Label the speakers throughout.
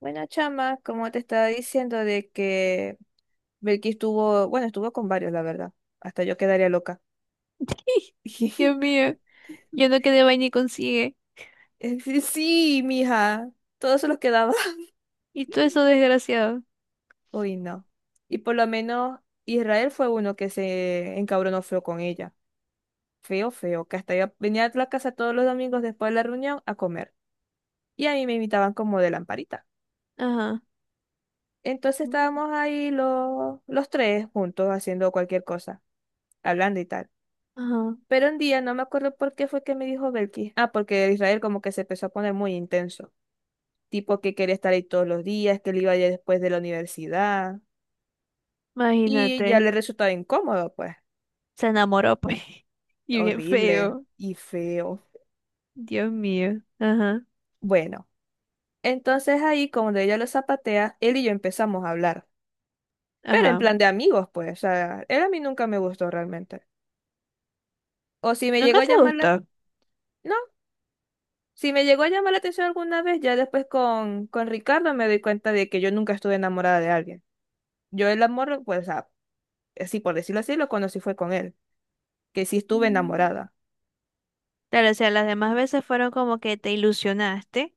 Speaker 1: Bueno, chama, como te estaba diciendo de que Belkis estuvo, bueno, estuvo con varios, la verdad. Hasta yo quedaría loca.
Speaker 2: Dios mío, yo no quedé vaina y consigue.
Speaker 1: Es sí, mija, todos se los quedaba.
Speaker 2: Y todo eso desgraciado.
Speaker 1: Uy, no. Y por lo menos Israel fue uno que se encabronó feo con ella. Feo, feo, que hasta ella venía a la casa todos los domingos después de la reunión a comer. Y a mí me invitaban como de lamparita.
Speaker 2: Ajá,
Speaker 1: Entonces estábamos ahí los tres juntos haciendo cualquier cosa, hablando y tal.
Speaker 2: ajá,
Speaker 1: Pero un día, no me acuerdo por qué fue que me dijo Belkis. Ah, porque Israel como que se empezó a poner muy intenso. Tipo que quería estar ahí todos los días, que él iba ya después de la universidad. Y ya
Speaker 2: imagínate.
Speaker 1: le resultaba incómodo, pues.
Speaker 2: Se enamoró, pues. Y bien
Speaker 1: Horrible
Speaker 2: feo.
Speaker 1: y feo.
Speaker 2: Dios mío. Ajá,
Speaker 1: Bueno, entonces ahí, cuando ella lo zapatea, él y yo empezamos a hablar. Pero en
Speaker 2: ajá.
Speaker 1: plan de amigos, pues. O sea, él a mí nunca me gustó realmente. O si me
Speaker 2: ¿Nunca
Speaker 1: llegó a
Speaker 2: te
Speaker 1: llamar la...
Speaker 2: gustó?
Speaker 1: No, si me llegó a llamar la atención alguna vez, ya después con Ricardo me doy cuenta de que yo nunca estuve enamorada de alguien. Yo el amor, pues, o sea, así por decirlo así, lo conocí fue con él, que sí estuve
Speaker 2: Mm.
Speaker 1: enamorada.
Speaker 2: Claro, o sea, las demás veces fueron como que te ilusionaste.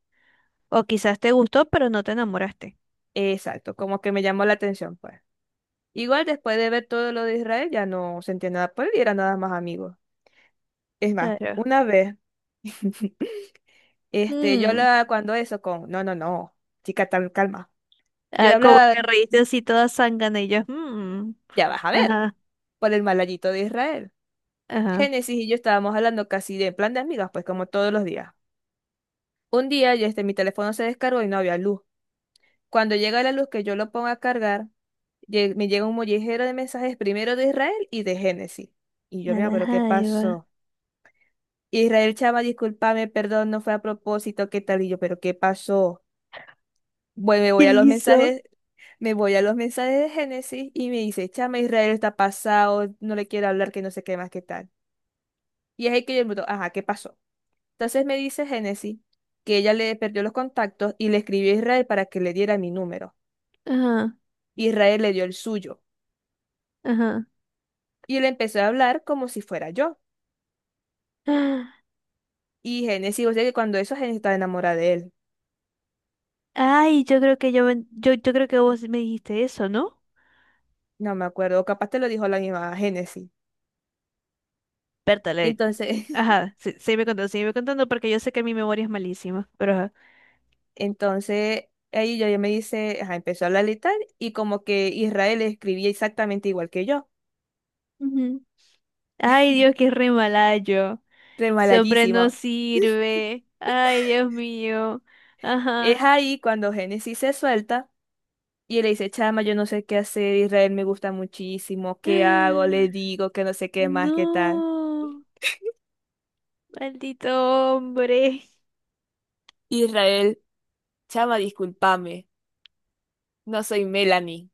Speaker 2: O quizás te gustó, pero no te enamoraste.
Speaker 1: Exacto, como que me llamó la atención, pues. Igual después de ver todo lo de Israel, ya no sentía nada por él y era nada más amigos. Es más,
Speaker 2: Claro.
Speaker 1: una vez, yo
Speaker 2: Mm.
Speaker 1: hablaba cuando eso con, no, no, no, chica, tal, calma. Yo le
Speaker 2: Ah, como
Speaker 1: hablaba,
Speaker 2: te reíste así toda zángana y yo. Mm.
Speaker 1: ya vas a ver,
Speaker 2: Ajá,
Speaker 1: por el malayito de Israel.
Speaker 2: ajá.
Speaker 1: Génesis y yo estábamos hablando casi de en plan de amigas, pues como todos los días. Un día, ya mi teléfono se descargó y no había luz. Cuando llega la luz que yo lo pongo a cargar, me llega un mollejero de mensajes primero de Israel y de Génesis. Y yo,
Speaker 2: A
Speaker 1: mira,
Speaker 2: la
Speaker 1: pero ¿qué
Speaker 2: jaiba.
Speaker 1: pasó? Israel, chama, discúlpame, perdón, no fue a propósito, ¿qué tal? Y yo, pero ¿qué pasó? Bueno, me
Speaker 2: ¿Qué
Speaker 1: voy a los
Speaker 2: hizo?
Speaker 1: mensajes, me voy a los mensajes de Génesis y me dice, chama, Israel está pasado, no le quiero hablar, que no sé qué más, qué tal. Y es ahí que yo me digo, ajá, ¿qué pasó? Entonces me dice Génesis que ella le perdió los contactos y le escribió a Israel para que le diera mi número.
Speaker 2: Ajá,
Speaker 1: Israel le dio el suyo
Speaker 2: ajá.
Speaker 1: y le empezó a hablar como si fuera yo.
Speaker 2: Ah,
Speaker 1: Y Génesis, o sea que cuando eso Génesis estaba enamorada de él.
Speaker 2: ay, yo creo que yo creo que vos me dijiste eso, ¿no?
Speaker 1: No me acuerdo, o capaz te lo dijo la misma Génesis. Y
Speaker 2: Pértale.
Speaker 1: entonces,
Speaker 2: Ajá, sí, sígueme contando porque yo sé que mi memoria es malísima, pero ajá.
Speaker 1: entonces ahí yo me dice, ajá, empezó a hablar y tal, y como que Israel escribía exactamente igual que yo.
Speaker 2: Ujú. Ay, Dios, qué re mala yo. Ese hombre no
Speaker 1: Remalallísimo.
Speaker 2: sirve. Ay, Dios mío.
Speaker 1: Es
Speaker 2: Ajá.
Speaker 1: ahí cuando Génesis se suelta y le dice, chama, yo no sé qué hacer, Israel me gusta muchísimo, ¿qué hago? Le digo que no sé qué más, qué tal.
Speaker 2: No, maldito hombre.
Speaker 1: Israel, chama, discúlpame, no soy Melanie.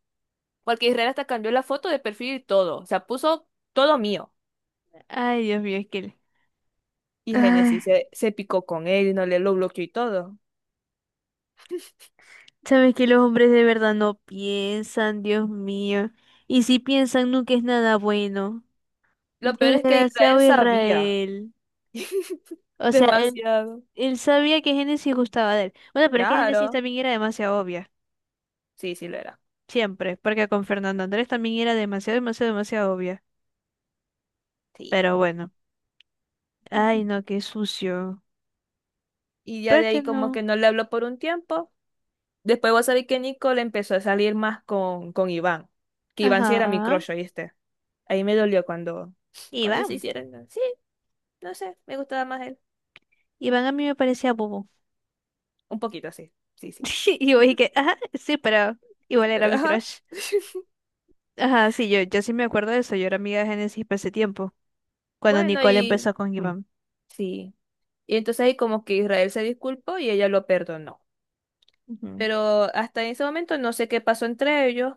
Speaker 1: Porque Israel hasta cambió la foto de perfil y todo. O sea, puso todo mío.
Speaker 2: Ay, Dios mío, es que... le-
Speaker 1: Y
Speaker 2: Ay,
Speaker 1: Génesis se picó con él y no le lo bloqueó y todo.
Speaker 2: sabes que los hombres de verdad no piensan, Dios mío. Y si piensan, nunca es nada bueno.
Speaker 1: Lo peor es que Israel
Speaker 2: Desgraciado
Speaker 1: sabía
Speaker 2: Israel. O sea, él,
Speaker 1: demasiado.
Speaker 2: él sabía que Génesis gustaba de él. Bueno, pero es que Génesis
Speaker 1: Claro.
Speaker 2: también era demasiado obvia.
Speaker 1: Sí, sí lo era.
Speaker 2: Siempre. Porque con Fernando Andrés también era demasiado, demasiado, demasiado obvia.
Speaker 1: Sí.
Speaker 2: Pero bueno. Ay, no, qué sucio.
Speaker 1: Y ya
Speaker 2: Pero
Speaker 1: de
Speaker 2: yo
Speaker 1: ahí como que
Speaker 2: no.
Speaker 1: no le habló por un tiempo. Después vos sabés que Nicole empezó a salir más con Iván. Que Iván sí era mi
Speaker 2: Ajá.
Speaker 1: crush, ¿oíste? Ahí me dolió cuando, cuando se
Speaker 2: Iván.
Speaker 1: hicieron. Sí, no sé, me gustaba más él.
Speaker 2: Iván a mí me parecía bobo.
Speaker 1: Un poquito, sí. Sí, sí.
Speaker 2: Y yo dije, ajá, sí, pero igual era
Speaker 1: Pero,
Speaker 2: mi
Speaker 1: ajá.
Speaker 2: crush. Ajá, sí, yo sí me acuerdo de eso. Yo era amiga de Génesis para ese tiempo. Cuando
Speaker 1: Bueno,
Speaker 2: Nicole
Speaker 1: y
Speaker 2: empezó con Iván.
Speaker 1: sí. Y entonces ahí como que Israel se disculpó y ella lo perdonó.
Speaker 2: Ujú.
Speaker 1: Pero hasta ese momento no sé qué pasó entre ellos.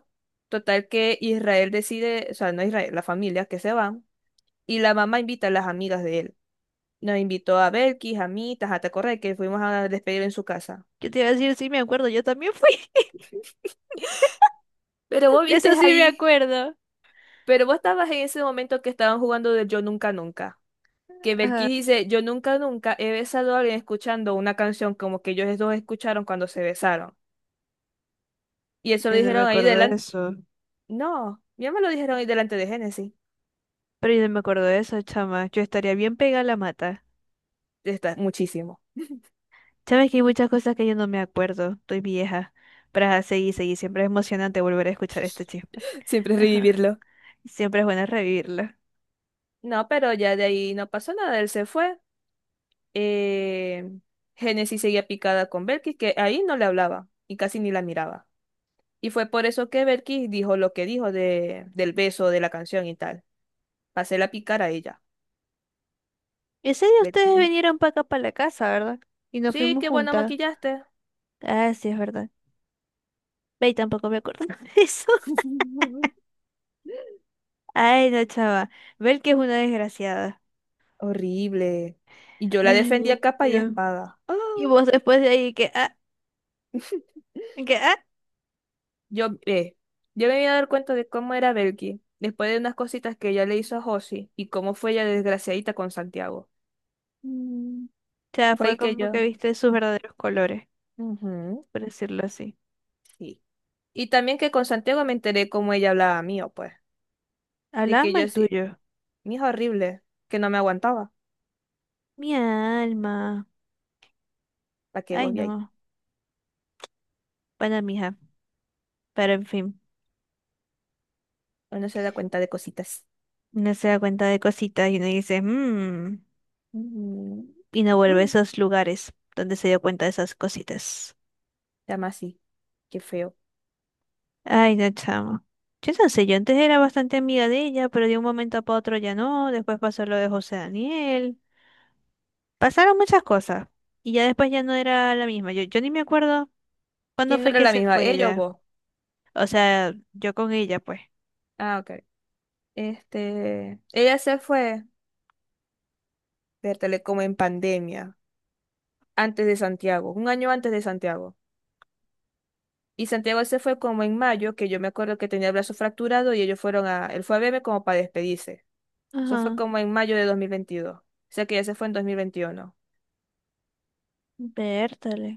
Speaker 1: Total que Israel decide, o sea, no Israel, la familia que se van. Y la mamá invita a las amigas de él. Nos invitó a Belkis, a mí, a Correa, que fuimos a despedir en su casa.
Speaker 2: Yo te iba a decir, sí, me acuerdo, yo también fui.
Speaker 1: Pero vos
Speaker 2: De eso
Speaker 1: viste
Speaker 2: sí me
Speaker 1: ahí,
Speaker 2: acuerdo.
Speaker 1: pero vos estabas en ese momento que estaban jugando de Yo Nunca Nunca. Que Belkis
Speaker 2: Ajá,
Speaker 1: dice, yo nunca nunca he besado a alguien escuchando una canción como que ellos dos escucharon cuando se besaron. Y eso lo
Speaker 2: yo no me
Speaker 1: dijeron ahí
Speaker 2: acuerdo de
Speaker 1: delante.
Speaker 2: eso.
Speaker 1: No, ya me lo dijeron hoy delante de Génesis.
Speaker 2: Pero yo no me acuerdo de eso, chama. Yo estaría bien pegada a la mata.
Speaker 1: Está muchísimo.
Speaker 2: Sabes que hay muchas cosas que yo no me acuerdo. Estoy vieja. Pero ajá, seguí, seguí. Siempre es emocionante volver a escuchar este chisme.
Speaker 1: Siempre es
Speaker 2: Ajá.
Speaker 1: revivirlo.
Speaker 2: Siempre es bueno revivirlo.
Speaker 1: No, pero ya de ahí no pasó nada, él se fue. Eh, Génesis seguía picada con Belkis, que ahí no le hablaba y casi ni la miraba. Y fue por eso que Belkis dijo lo que dijo de, del beso, de la canción y tal. Pasé la picar a ella.
Speaker 2: Ese día ustedes
Speaker 1: Belkis.
Speaker 2: vinieron para acá, para la casa, ¿verdad? Y nos
Speaker 1: Sí,
Speaker 2: fuimos
Speaker 1: qué bueno
Speaker 2: juntas.
Speaker 1: maquillaste.
Speaker 2: Ah, sí, es verdad. Ve, tampoco me acuerdo de eso. Ay, no, chava. Ver que es una desgraciada.
Speaker 1: Horrible. Y yo la
Speaker 2: Ay, Dios
Speaker 1: defendía capa y
Speaker 2: mío.
Speaker 1: espada. ¡Ah!
Speaker 2: Y vos después de ahí que, ah, que, ah.
Speaker 1: Yo, eh, yo me vine a dar cuenta de cómo era Belki, después de unas cositas que ella le hizo a Josie y cómo fue ella desgraciadita con Santiago.
Speaker 2: Mm. O sea,
Speaker 1: Fue
Speaker 2: fue
Speaker 1: ahí que
Speaker 2: como que
Speaker 1: yo.
Speaker 2: viste sus verdaderos colores,
Speaker 1: Ujú,
Speaker 2: por decirlo así.
Speaker 1: sí. Y también que con Santiago me enteré cómo ella hablaba mío, pues. De
Speaker 2: Hablaba
Speaker 1: que yo
Speaker 2: mal
Speaker 1: sí,
Speaker 2: tuyo.
Speaker 1: mi hijo horrible, que no me aguantaba.
Speaker 2: Mi alma.
Speaker 1: ¿Para que
Speaker 2: Ay,
Speaker 1: vos veáis?
Speaker 2: no. Bueno, mija. Pero en fin,
Speaker 1: Uno se da cuenta de cositas.
Speaker 2: no se da cuenta de cositas y uno dice, mmm.
Speaker 1: Ujú.
Speaker 2: Y no vuelve a
Speaker 1: Mm,
Speaker 2: esos lugares donde se dio cuenta de esas cositas.
Speaker 1: llama así. Qué feo.
Speaker 2: Ay, no, chamo. Yo no sé, yo antes era bastante amiga de ella, pero de un momento para otro ya no. Después pasó lo de José Daniel. Pasaron muchas cosas. Y ya después ya no era la misma. Yo ni me acuerdo cuándo
Speaker 1: ¿Quién no
Speaker 2: fue
Speaker 1: era
Speaker 2: que
Speaker 1: la
Speaker 2: se
Speaker 1: misma?
Speaker 2: fue
Speaker 1: ¿Ella o
Speaker 2: ella.
Speaker 1: vos?
Speaker 2: O sea, yo con ella, pues.
Speaker 1: Ah, ok. Ella se fue. Vértale como en pandemia, antes de Santiago, un año antes de Santiago. Y Santiago se fue como en mayo, que yo me acuerdo que tenía el brazo fracturado y ellos fueron a, él fue a verme como para despedirse. Eso fue
Speaker 2: Ajá,
Speaker 1: como en mayo de 2022. O sea que ya se fue en 2021.
Speaker 2: vértale.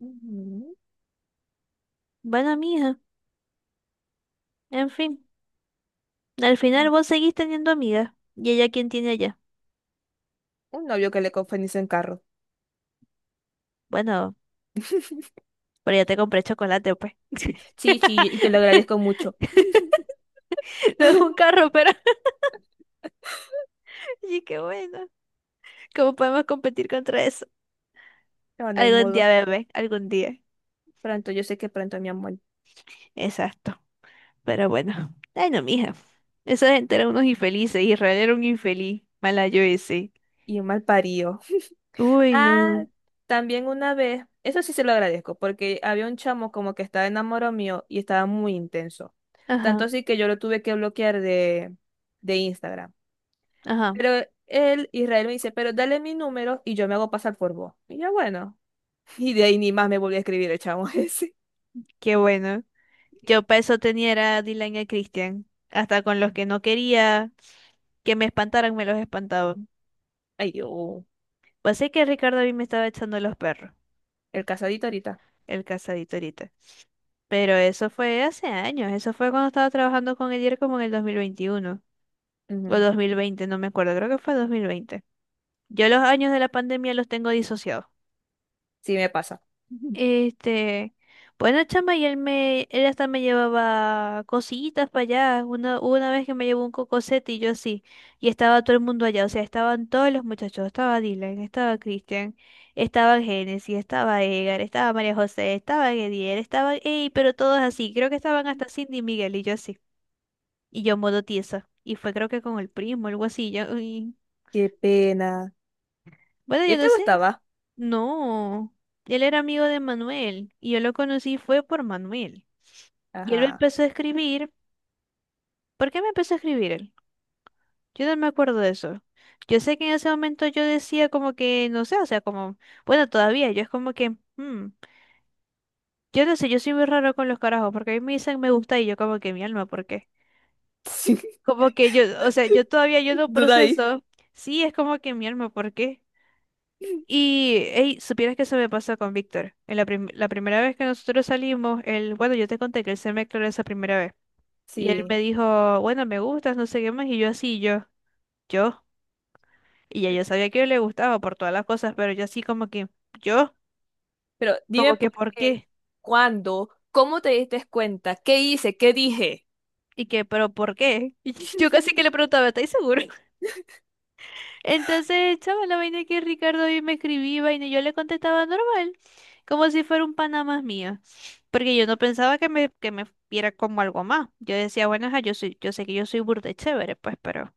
Speaker 1: Ujú.
Speaker 2: Bueno, mija, en fin, al final vos seguís teniendo amigas. ¿Y ella quién tiene allá?
Speaker 1: Un novio que le confundís en carro.
Speaker 2: Bueno, pero ya te compré chocolate, pues.
Speaker 1: Sí, sí, y te lo agradezco mucho.
Speaker 2: No es un carro, pero sí, qué bueno. ¿Cómo podemos competir contra eso?
Speaker 1: No, no hay
Speaker 2: Algún día,
Speaker 1: modo.
Speaker 2: bebé, algún día.
Speaker 1: Pronto, yo sé que pronto, mi amor.
Speaker 2: Exacto, pero bueno. Ay, no, mija. Esa gente era unos infelices. Israel era un infeliz. Mala yo ese.
Speaker 1: Y un mal parido.
Speaker 2: Uy,
Speaker 1: Ah,
Speaker 2: no.
Speaker 1: también una vez, eso sí se lo agradezco, porque había un chamo como que estaba enamorado mío y estaba muy intenso. Tanto
Speaker 2: Ajá,
Speaker 1: así que yo lo tuve que bloquear de Instagram.
Speaker 2: ajá.
Speaker 1: Pero él, Israel, me dice, pero dale mi número y yo me hago pasar por vos. Y yo, bueno. Y de ahí ni más me volvió a escribir el chamo ese.
Speaker 2: Qué bueno. Yo para eso tenía era a Dylan y a Christian. Hasta con los que no quería que me espantaran, me los espantaban.
Speaker 1: Ay, yo,
Speaker 2: Pues sé que Ricardo a mí me estaba echando los perros,
Speaker 1: el casadito ahorita.
Speaker 2: el casadito ahorita. Pero eso fue hace años. Eso fue cuando estaba trabajando con Edier como en el 2021 o
Speaker 1: Ujú,
Speaker 2: 2020, no me acuerdo. Creo que fue 2020. Yo los años de la pandemia los tengo disociados.
Speaker 1: sí me pasa. Ujú.
Speaker 2: Este, bueno, chama, y él hasta me llevaba cosillitas para allá. Una, hubo una vez que me llevó un cocosete y yo así, y estaba todo el mundo allá, o sea, estaban todos los muchachos, estaba Dylan, estaba Christian, estaba Genesis, estaba Edgar, estaba María José, estaba Gediel, estaba, ey, pero todos así, creo que estaban hasta Cindy y Miguel y yo así, y yo modo tiesa, y fue creo que con el primo, algo así, yo, y-
Speaker 1: Qué pena.
Speaker 2: bueno,
Speaker 1: ¿Y
Speaker 2: yo
Speaker 1: él te
Speaker 2: no sé,
Speaker 1: gustaba?
Speaker 2: no, él era amigo de Manuel, y yo lo conocí fue por Manuel. Y él me
Speaker 1: Ajá.
Speaker 2: empezó a escribir. ¿Por qué me empezó a escribir él? Yo no me acuerdo de eso. Yo sé que en ese momento yo decía como que, no sé, o sea, como, bueno, todavía, yo es como que, hmm, yo no sé, yo soy muy raro con los carajos, porque a mí me dicen me gusta y yo como que mi alma, ¿por qué?
Speaker 1: Sí,
Speaker 2: Como que yo, o sea, yo todavía yo no
Speaker 1: duda ahí.
Speaker 2: proceso, sí, es como que mi alma, ¿por qué? Y, hey, supieras que eso me pasó con Víctor. En la, prim- la primera vez que nosotros salimos, él, bueno, yo te conté que él se me declaró esa primera vez. Y él
Speaker 1: Sí.
Speaker 2: me dijo, bueno, me gustas, no sé qué más, y yo así, yo. Y ya yo sabía que le gustaba por todas las cosas, pero yo así como que, yo,
Speaker 1: Pero dime
Speaker 2: como que,
Speaker 1: por
Speaker 2: ¿por
Speaker 1: qué,
Speaker 2: qué?
Speaker 1: cuándo, cómo te diste cuenta, qué hice, qué dije.
Speaker 2: Y que, ¿pero por qué? Y yo casi que le preguntaba, ¿estáis seguro? Entonces, chaval, la vaina que Ricardo hoy me escribía, vaina, y yo le contestaba normal, como si fuera un pana más mío. Porque yo no pensaba que me viera como algo más. Yo decía, bueno, ajá, yo soy, yo sé que yo soy burda y chévere, pues, pero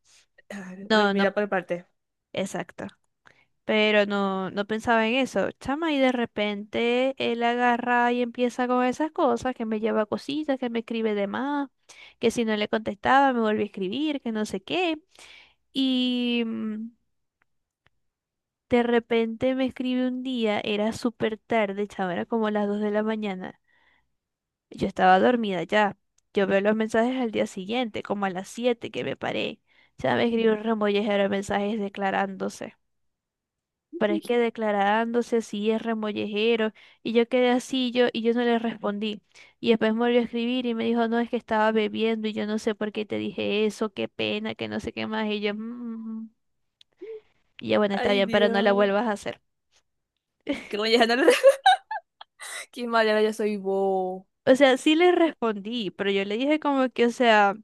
Speaker 1: Ah, lo
Speaker 2: no, no,
Speaker 1: mira por parte.
Speaker 2: exacto. Pero no pensaba en eso, chama, y de repente él agarra y empieza con esas cosas, que me lleva cositas, que me escribe de más, que si no le contestaba me vuelve a escribir, que no sé qué. Y mm, de repente me escribe un día, era súper tarde, chama, era como las 2:00 de la mañana. Yo estaba dormida ya. Yo veo los mensajes al día siguiente, como a las 7:00 que me paré. Ya me escribió un remollejero de mensajes declarándose. Pero es que declarándose si es remollejero, y yo quedé así yo, y yo no le respondí. Y después me volvió a escribir y me dijo, no, es que estaba bebiendo y yo no sé por qué te dije eso, qué pena, que no sé qué más, y yo, "Mm". Y ya bueno, está
Speaker 1: Ay,
Speaker 2: bien, pero no la
Speaker 1: Dios.
Speaker 2: vuelvas a hacer.
Speaker 1: Que voy a ganar. Qué mala, ya soy vos.
Speaker 2: O sea, sí le respondí, pero yo le dije como que, o sea...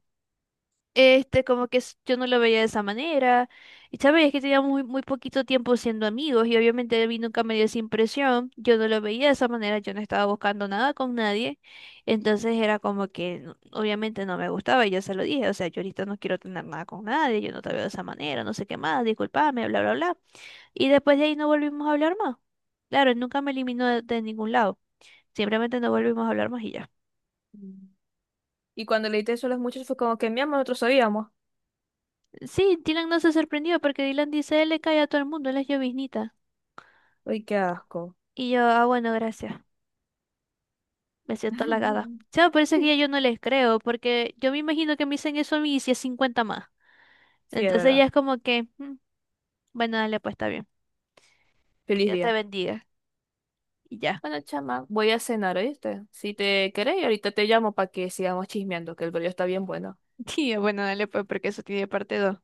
Speaker 2: Este, como que s- yo no lo veía de esa manera. Y sabes, es que teníamos muy, muy poquito tiempo siendo amigos y obviamente a mí nunca me dio esa impresión. Yo no lo veía de esa manera, yo no estaba buscando nada con nadie. Entonces era como que no- obviamente no me gustaba y yo se lo dije, o sea, yo ahorita no quiero tener nada con nadie, yo no te veo de esa manera, no sé qué más, discúlpame, bla, bla, bla. Y después de ahí no volvimos a hablar más. Claro, él nunca me eliminó de ningún lado. Simplemente no volvimos a hablar más y ya.
Speaker 1: Y cuando leíste eso a los muchachos fue como que mi amor, nosotros sabíamos.
Speaker 2: Sí, Dylan no se sorprendió porque Dylan dice, él le cae a todo el mundo, él es lloviznita.
Speaker 1: Ay, qué asco.
Speaker 2: Y yo, ah, bueno, gracias. Me siento halagada. O por eso es que yo no les creo, porque yo me imagino que me dicen eso a mí y si es 50 más.
Speaker 1: Sí, es
Speaker 2: Entonces
Speaker 1: verdad.
Speaker 2: ya es como que, "Mm, bueno, dale, pues está bien. Que
Speaker 1: Feliz
Speaker 2: Dios te
Speaker 1: día.
Speaker 2: bendiga. Y ya.
Speaker 1: Bueno, chama, voy a cenar, ¿oíste? Si te querés, ahorita te llamo para que sigamos chismeando, que el brillo está bien bueno.
Speaker 2: Y yo, bueno, dale, pues porque eso tiene parte dos.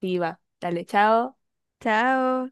Speaker 1: Viva. Dale, chao.
Speaker 2: Chao.